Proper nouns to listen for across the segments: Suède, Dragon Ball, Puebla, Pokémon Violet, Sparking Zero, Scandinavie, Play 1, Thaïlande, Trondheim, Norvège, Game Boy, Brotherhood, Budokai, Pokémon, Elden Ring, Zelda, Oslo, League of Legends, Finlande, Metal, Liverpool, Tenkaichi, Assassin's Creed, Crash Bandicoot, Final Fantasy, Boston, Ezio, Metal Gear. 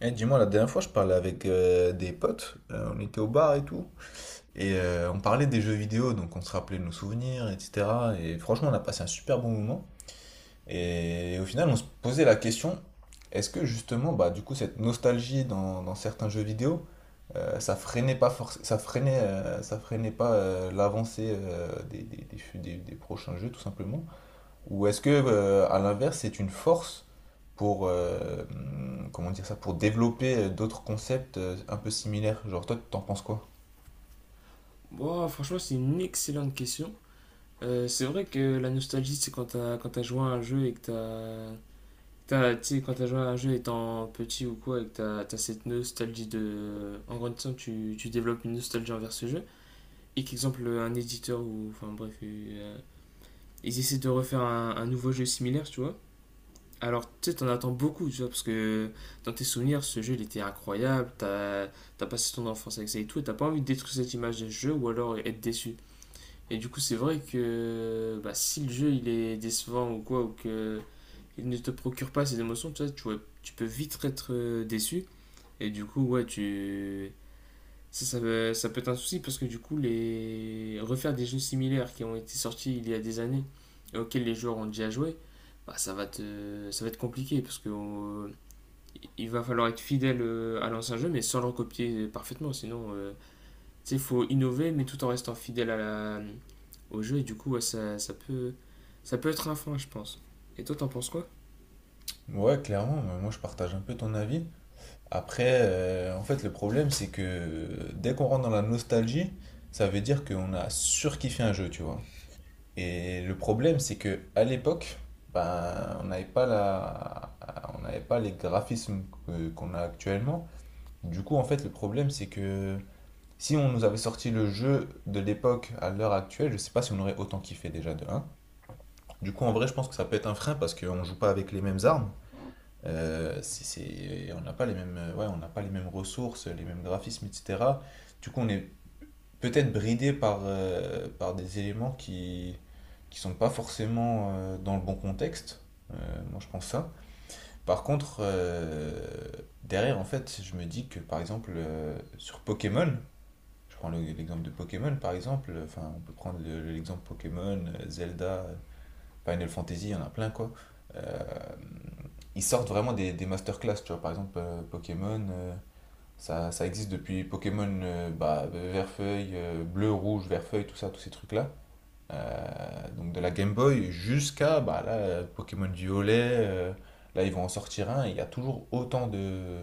Eh, dis-moi, la dernière fois, je parlais avec des potes, on était au bar et tout, et on parlait des jeux vidéo, donc on se rappelait de nos souvenirs, etc. Et franchement, on a passé un super bon moment. Et au final, on se posait la question, est-ce que justement, bah, du coup, cette nostalgie dans certains jeux vidéo, ça freinait pas l'avancée des prochains jeux, tout simplement? Ou est-ce que, à l'inverse, c'est une force pour, comment dire ça, pour développer d'autres concepts un peu similaires? Genre, toi, t'en penses quoi? Bon, franchement, c'est une excellente question. C'est vrai que la nostalgie, c'est quand t'as joué à un jeu et que tu sais, quand t'as joué à un jeu étant petit ou quoi et que t'as cette nostalgie de en grandissant, tu développes une nostalgie envers ce jeu et qu'exemple un éditeur ou enfin bref, ils essaient de refaire un nouveau jeu similaire, tu vois. Alors, tu sais, t'en attends beaucoup, tu vois, parce que dans tes souvenirs, ce jeu, il était incroyable, t'as passé ton enfance avec ça et tout, et t'as pas envie de détruire cette image de ce jeu ou alors être déçu. Et du coup, c'est vrai que bah, si le jeu il est décevant ou quoi, ou que il ne te procure pas ces émotions, tu peux vite être déçu. Et du coup, ouais, ça peut être un souci parce que du coup, refaire des jeux similaires qui ont été sortis il y a des années et auxquels les joueurs ont déjà joué, bah, ça va être compliqué parce que il va falloir être fidèle à l'ancien jeu, mais sans le recopier parfaitement, sinon sais, il faut innover, mais tout en restant fidèle à au jeu. Et du coup, ouais, ça peut être un frein, je pense. Et toi, t'en penses quoi? Ouais, clairement, mais moi je partage un peu ton avis. Après, en fait, le problème, c'est que dès qu'on rentre dans la nostalgie, ça veut dire qu'on a surkiffé un jeu, tu vois. Et le problème, c'est que à l'époque, ben, on n'avait pas les graphismes qu'on a actuellement. Du coup, en fait, le problème, c'est que si on nous avait sorti le jeu de l'époque à l'heure actuelle, je sais pas si on aurait autant kiffé déjà de un. Du coup, en vrai, je pense que ça peut être un frein parce qu'on joue pas avec les mêmes armes. On n'a pas les mêmes, ouais, on n'a pas les mêmes ressources, les mêmes graphismes, etc. Du coup, on est peut-être bridé par des éléments qui sont pas forcément dans le bon contexte. Moi, je pense ça. Par contre, derrière, en fait, je me dis que par exemple sur Pokémon, je prends l'exemple de Pokémon par exemple, enfin on peut prendre l'exemple Pokémon, Zelda, Final Fantasy, il y en a plein quoi. Euh, Ils sortent vraiment des masterclass, tu vois, par exemple Pokémon, ça existe depuis Pokémon bah, vert-feuille, bleu, rouge, vert-feuille, tout ça, tous ces trucs-là. Donc de la Game Boy jusqu'à bah, là, Pokémon Violet, là ils vont en sortir un, et il y a toujours autant de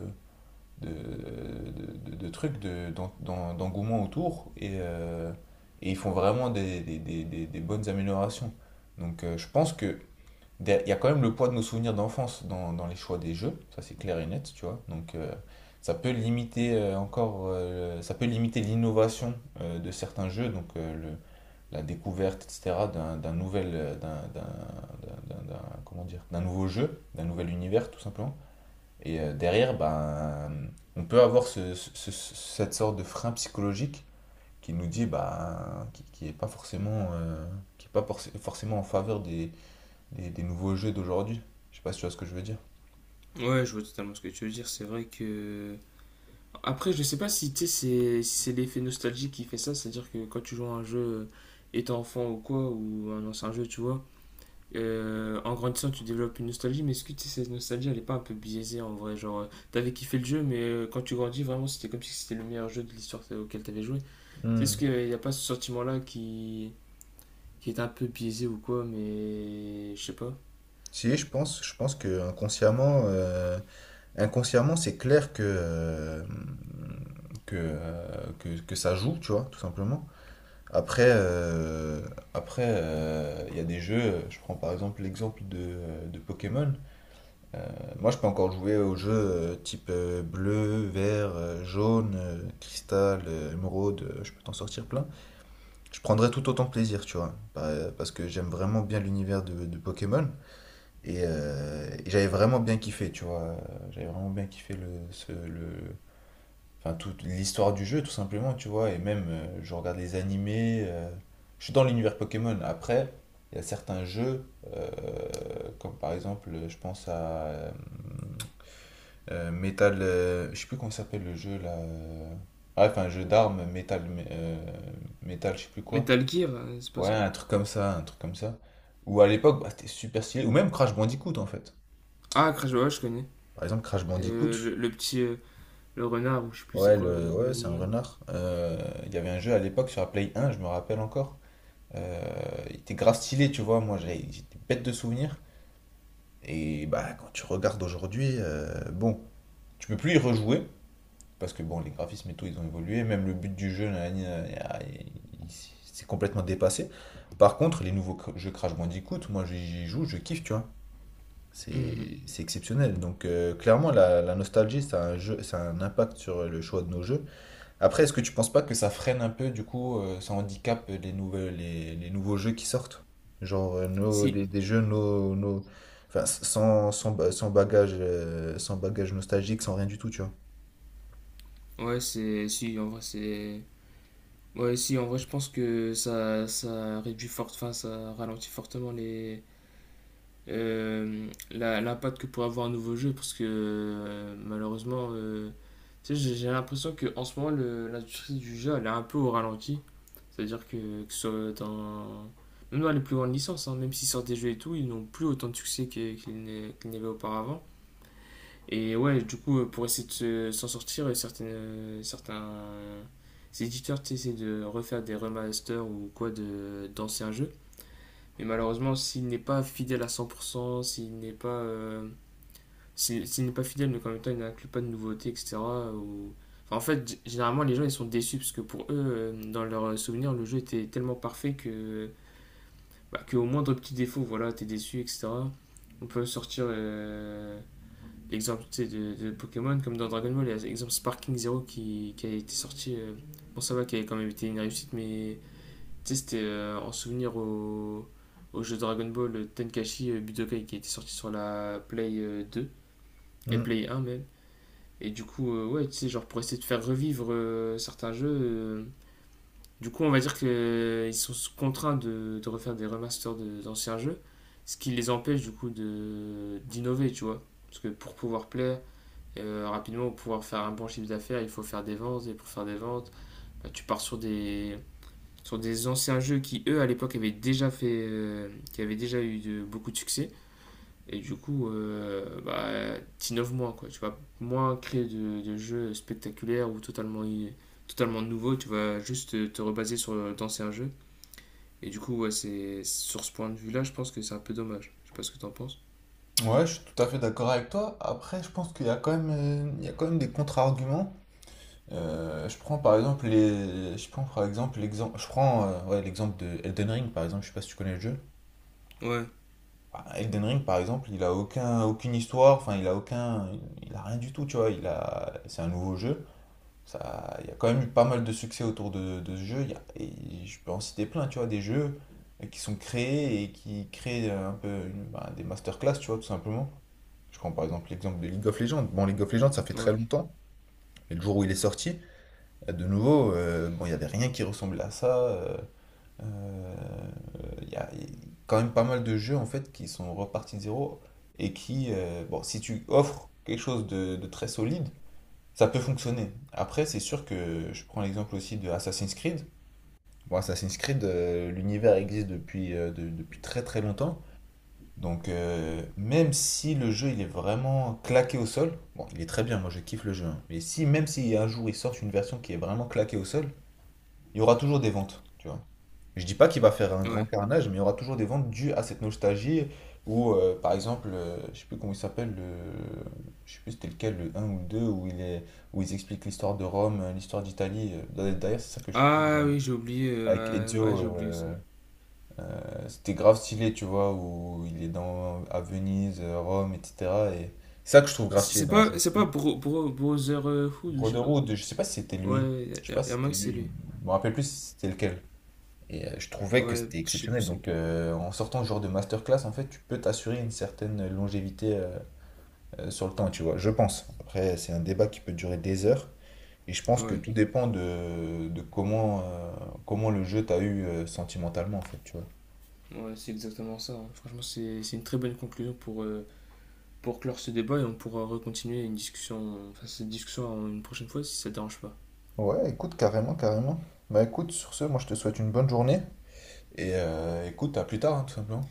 de, de, de, de trucs d'engouement autour et ils font vraiment des bonnes améliorations. Donc je pense que il y a quand même le poids de nos souvenirs d'enfance dans les choix des jeux, ça c'est clair et net, tu vois. Donc ça peut limiter encore, ça peut limiter l'innovation de certains jeux, donc la découverte, etc., comment dire, d'un nouveau jeu, d'un nouvel univers, tout simplement. Et derrière, ben, on peut avoir cette sorte de frein psychologique qui nous dit, ben, qui est pas forcément, qui est pas forc- forcément en faveur des nouveaux jeux d'aujourd'hui. Je sais pas si tu vois ce que je veux dire. Ouais, je vois totalement ce que tu veux dire. C'est vrai que. Après, je sais pas si tu sais, c'est si c'est l'effet nostalgie qui fait ça. C'est-à-dire que quand tu joues à un jeu étant enfant ou quoi, ou un ancien jeu, tu vois, en grandissant, tu développes une nostalgie. Mais est-ce que tu sais, cette nostalgie, elle est pas un peu biaisée en vrai? Genre, t'avais kiffé le jeu, mais quand tu grandis, vraiment, c'était comme si c'était le meilleur jeu de l'histoire auquel t'avais joué. Tu sais, Hmm. est-ce qu'il n'y a pas ce sentiment-là qui. Qui est un peu biaisé ou quoi, mais je sais pas. Si, je pense que inconsciemment, c'est clair que, que ça joue, tu vois, tout simplement. Après, euh, Après, il y a des jeux, je prends par exemple l'exemple de Pokémon. Euh, Moi, je peux encore jouer aux jeux type bleu, vert, jaune, cristal, émeraude, je peux t'en sortir plein. Je prendrais tout autant de plaisir, tu vois, parce que j'aime vraiment bien l'univers de Pokémon et j'avais vraiment bien kiffé, tu vois. J'avais vraiment bien kiffé enfin, toute l'histoire du jeu, tout simplement, tu vois. Et même, je regarde les animés, je suis dans l'univers Pokémon. Après, il y a certains jeux, euh, comme par exemple, je pense à Metal, je sais plus comment s'appelle le jeu là. Bref, un jeu d'armes, euh, Metal, je sais plus quoi. Metal Gear, c'est pas Ouais, ça? un truc comme ça, un truc comme ça. Ou à l'époque, bah, c'était super stylé. Ou même Crash Bandicoot en fait. Ah, Crash Bandicoot, je connais. Par exemple, Crash Bandicoot. Le petit. Le renard, ou je sais plus c'est Ouais, quoi comme ouais, c'est un animal. renard. Il y avait un jeu à l'époque sur la Play 1, je me rappelle encore. Euh, il était grave stylé, tu vois. Moi, j'étais bête de souvenirs. Et bah, quand tu regardes aujourd'hui, bon, tu peux plus y rejouer. Parce que bon, les graphismes et tout, ils ont évolué. Même le but du jeu, là, c'est complètement dépassé. Par contre, les nouveaux jeux Crash Bandicoot, moi j'y joue, je kiffe, tu vois. Mhm. C'est exceptionnel. Donc clairement, la nostalgie, ça a un impact sur le choix de nos jeux. Après, est-ce que tu penses pas que ça freine un peu, du coup, ça handicape les nouveaux jeux qui sortent? Genre nos, Si. Des jeux nos, nos- enfin, sans bagage nostalgique, sans rien du tout, tu vois. Ouais, c'est. Si, en vrai, c'est. Ouais, si, en vrai, je pense que ça réduit fort. Enfin, ça ralentit fortement les. L'impact que pourrait avoir un nouveau jeu parce que malheureusement tu sais, j'ai l'impression que en ce moment l'industrie du jeu elle est un peu au ralenti. C'est-à-dire que ce soit dans... Même dans les plus grandes licences, hein, même s'ils sortent des jeux et tout, ils n'ont plus autant de succès qu'ils n'avaient auparavant. Et ouais, du coup, pour essayer de s'en sortir, certains éditeurs tu essaient de refaire des remasters ou quoi de d'anciens jeux. Mais malheureusement, s'il n'est pas fidèle à 100%, s'il n'est pas fidèle, mais qu'en même temps, il n'inclut pas de nouveautés, etc. ou- Enfin, en fait, généralement, les gens, ils sont déçus parce que pour eux, dans leurs souvenirs, le jeu était tellement parfait que bah, que au moindre petit défaut, voilà, t'es déçu, etc. On peut sortir l'exemple de Pokémon, comme dans Dragon Ball, il y a l'exemple Sparking Zero qui a été sorti. Bon, ça va, qui avait quand même été une réussite, mais c'était en souvenir au, au jeu Dragon Ball Tenkaichi Budokai qui a été sorti sur la Play 2 et Hmm. Play 1 même. Et du coup, ouais, tu sais, genre pour essayer de faire revivre certains jeux, du coup, on va dire qu'ils sont contraints de refaire des remasters d'anciens jeux, ce qui les empêche du coup d'innover, tu vois. Parce que pour pouvoir plaire rapidement, pour pouvoir faire un bon chiffre d'affaires, il faut faire des ventes, et pour faire des ventes, bah, tu pars sur des anciens jeux qui, eux, à l'époque, avaient déjà fait, qui avaient déjà eu beaucoup de succès. Et du coup, bah, t'innoves moins, quoi. Tu vas moins créer de jeux spectaculaires ou totalement nouveaux. Tu vas juste te rebaser sur d'anciens jeux et du coup, ouais, c'est sur ce point de vue-là, je pense que c'est un peu dommage. Je sais pas ce que t'en penses. Ouais, je suis tout à fait d'accord avec toi. Après, je pense qu'il y a quand même, il y a quand même des contre-arguments. Je prends ouais, l'exemple de Elden Ring par exemple. Je sais pas si tu connais le jeu. Ouais. Bah, Elden Ring par exemple, il a aucun, aucune histoire. Enfin, il a rien du tout. Tu vois, c'est un nouveau jeu. Ça, il y a quand même eu pas mal de succès autour de ce jeu. Et je peux en citer plein, tu vois, des jeux qui sont créés et qui créent un peu bah, des masterclass, tu vois, tout simplement. Je prends par exemple l'exemple de League of Legends. Bon, League of Legends, ça fait très Ouais, longtemps, mais le jour où il est sorti, de nouveau, bon, il n'y avait rien qui ressemblait à ça. Euh, Il y a quand même pas mal de jeux en fait qui sont repartis de zéro bon, si tu offres quelque chose de très solide, ça peut fonctionner. Après, c'est sûr que je prends l'exemple aussi de Assassin's Creed. Bon, Assassin's Creed, l'univers existe depuis très très longtemps. Donc, même si le jeu il est vraiment claqué au sol, bon, il est très bien, moi je kiffe le jeu. Hein. Mais si, même si un jour ils sortent une version qui est vraiment claquée au sol, il y aura toujours des ventes, tu vois. Je dis pas qu'il va faire un grand ouais. carnage, mais il y aura toujours des ventes dues à cette nostalgie. Ou par exemple, je sais plus comment il s'appelle, je sais plus c'était lequel, le un ou le 2 où ils expliquent l'histoire de Rome, l'histoire d'Italie. D'ailleurs, c'est ça que je Ah oui, j'ai oublié. avec Ouais, j'ai Ezio, oublié aussi. C'était grave stylé, tu vois, où il est dans à Venise, Rome, etc. Et c'est ça que je trouve grave stylé dans la C'est pas série. Brotherhood ou je sais pas. Brotherhood, je sais pas si c'était lui. Ouais, Je y sais a, pas y si a un c'était que c'est lui. lui. Je me rappelle plus si c'était lequel. Et je trouvais que Ouais, c'était je sais plus exceptionnel. c'est Donc, lequel. En sortant ce genre de masterclass, en fait, tu peux t'assurer une certaine longévité sur le temps, tu vois. Je pense. Après, c'est un débat qui peut durer des heures. Et je pense que Ouais. tout dépend de comment le jeu t'a eu sentimentalement, en fait, tu vois. Ouais, c'est exactement ça. Hein. Franchement, c'est une très bonne conclusion pour clore ce débat et on pourra recontinuer une discussion, enfin cette discussion une prochaine fois si ça te dérange pas. Ouais, écoute, carrément, carrément. Bah écoute, sur ce, moi je te souhaite une bonne journée. Et écoute, à plus tard, hein, tout simplement.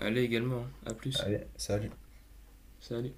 Allez également, hein. À plus. Allez, salut. Salut.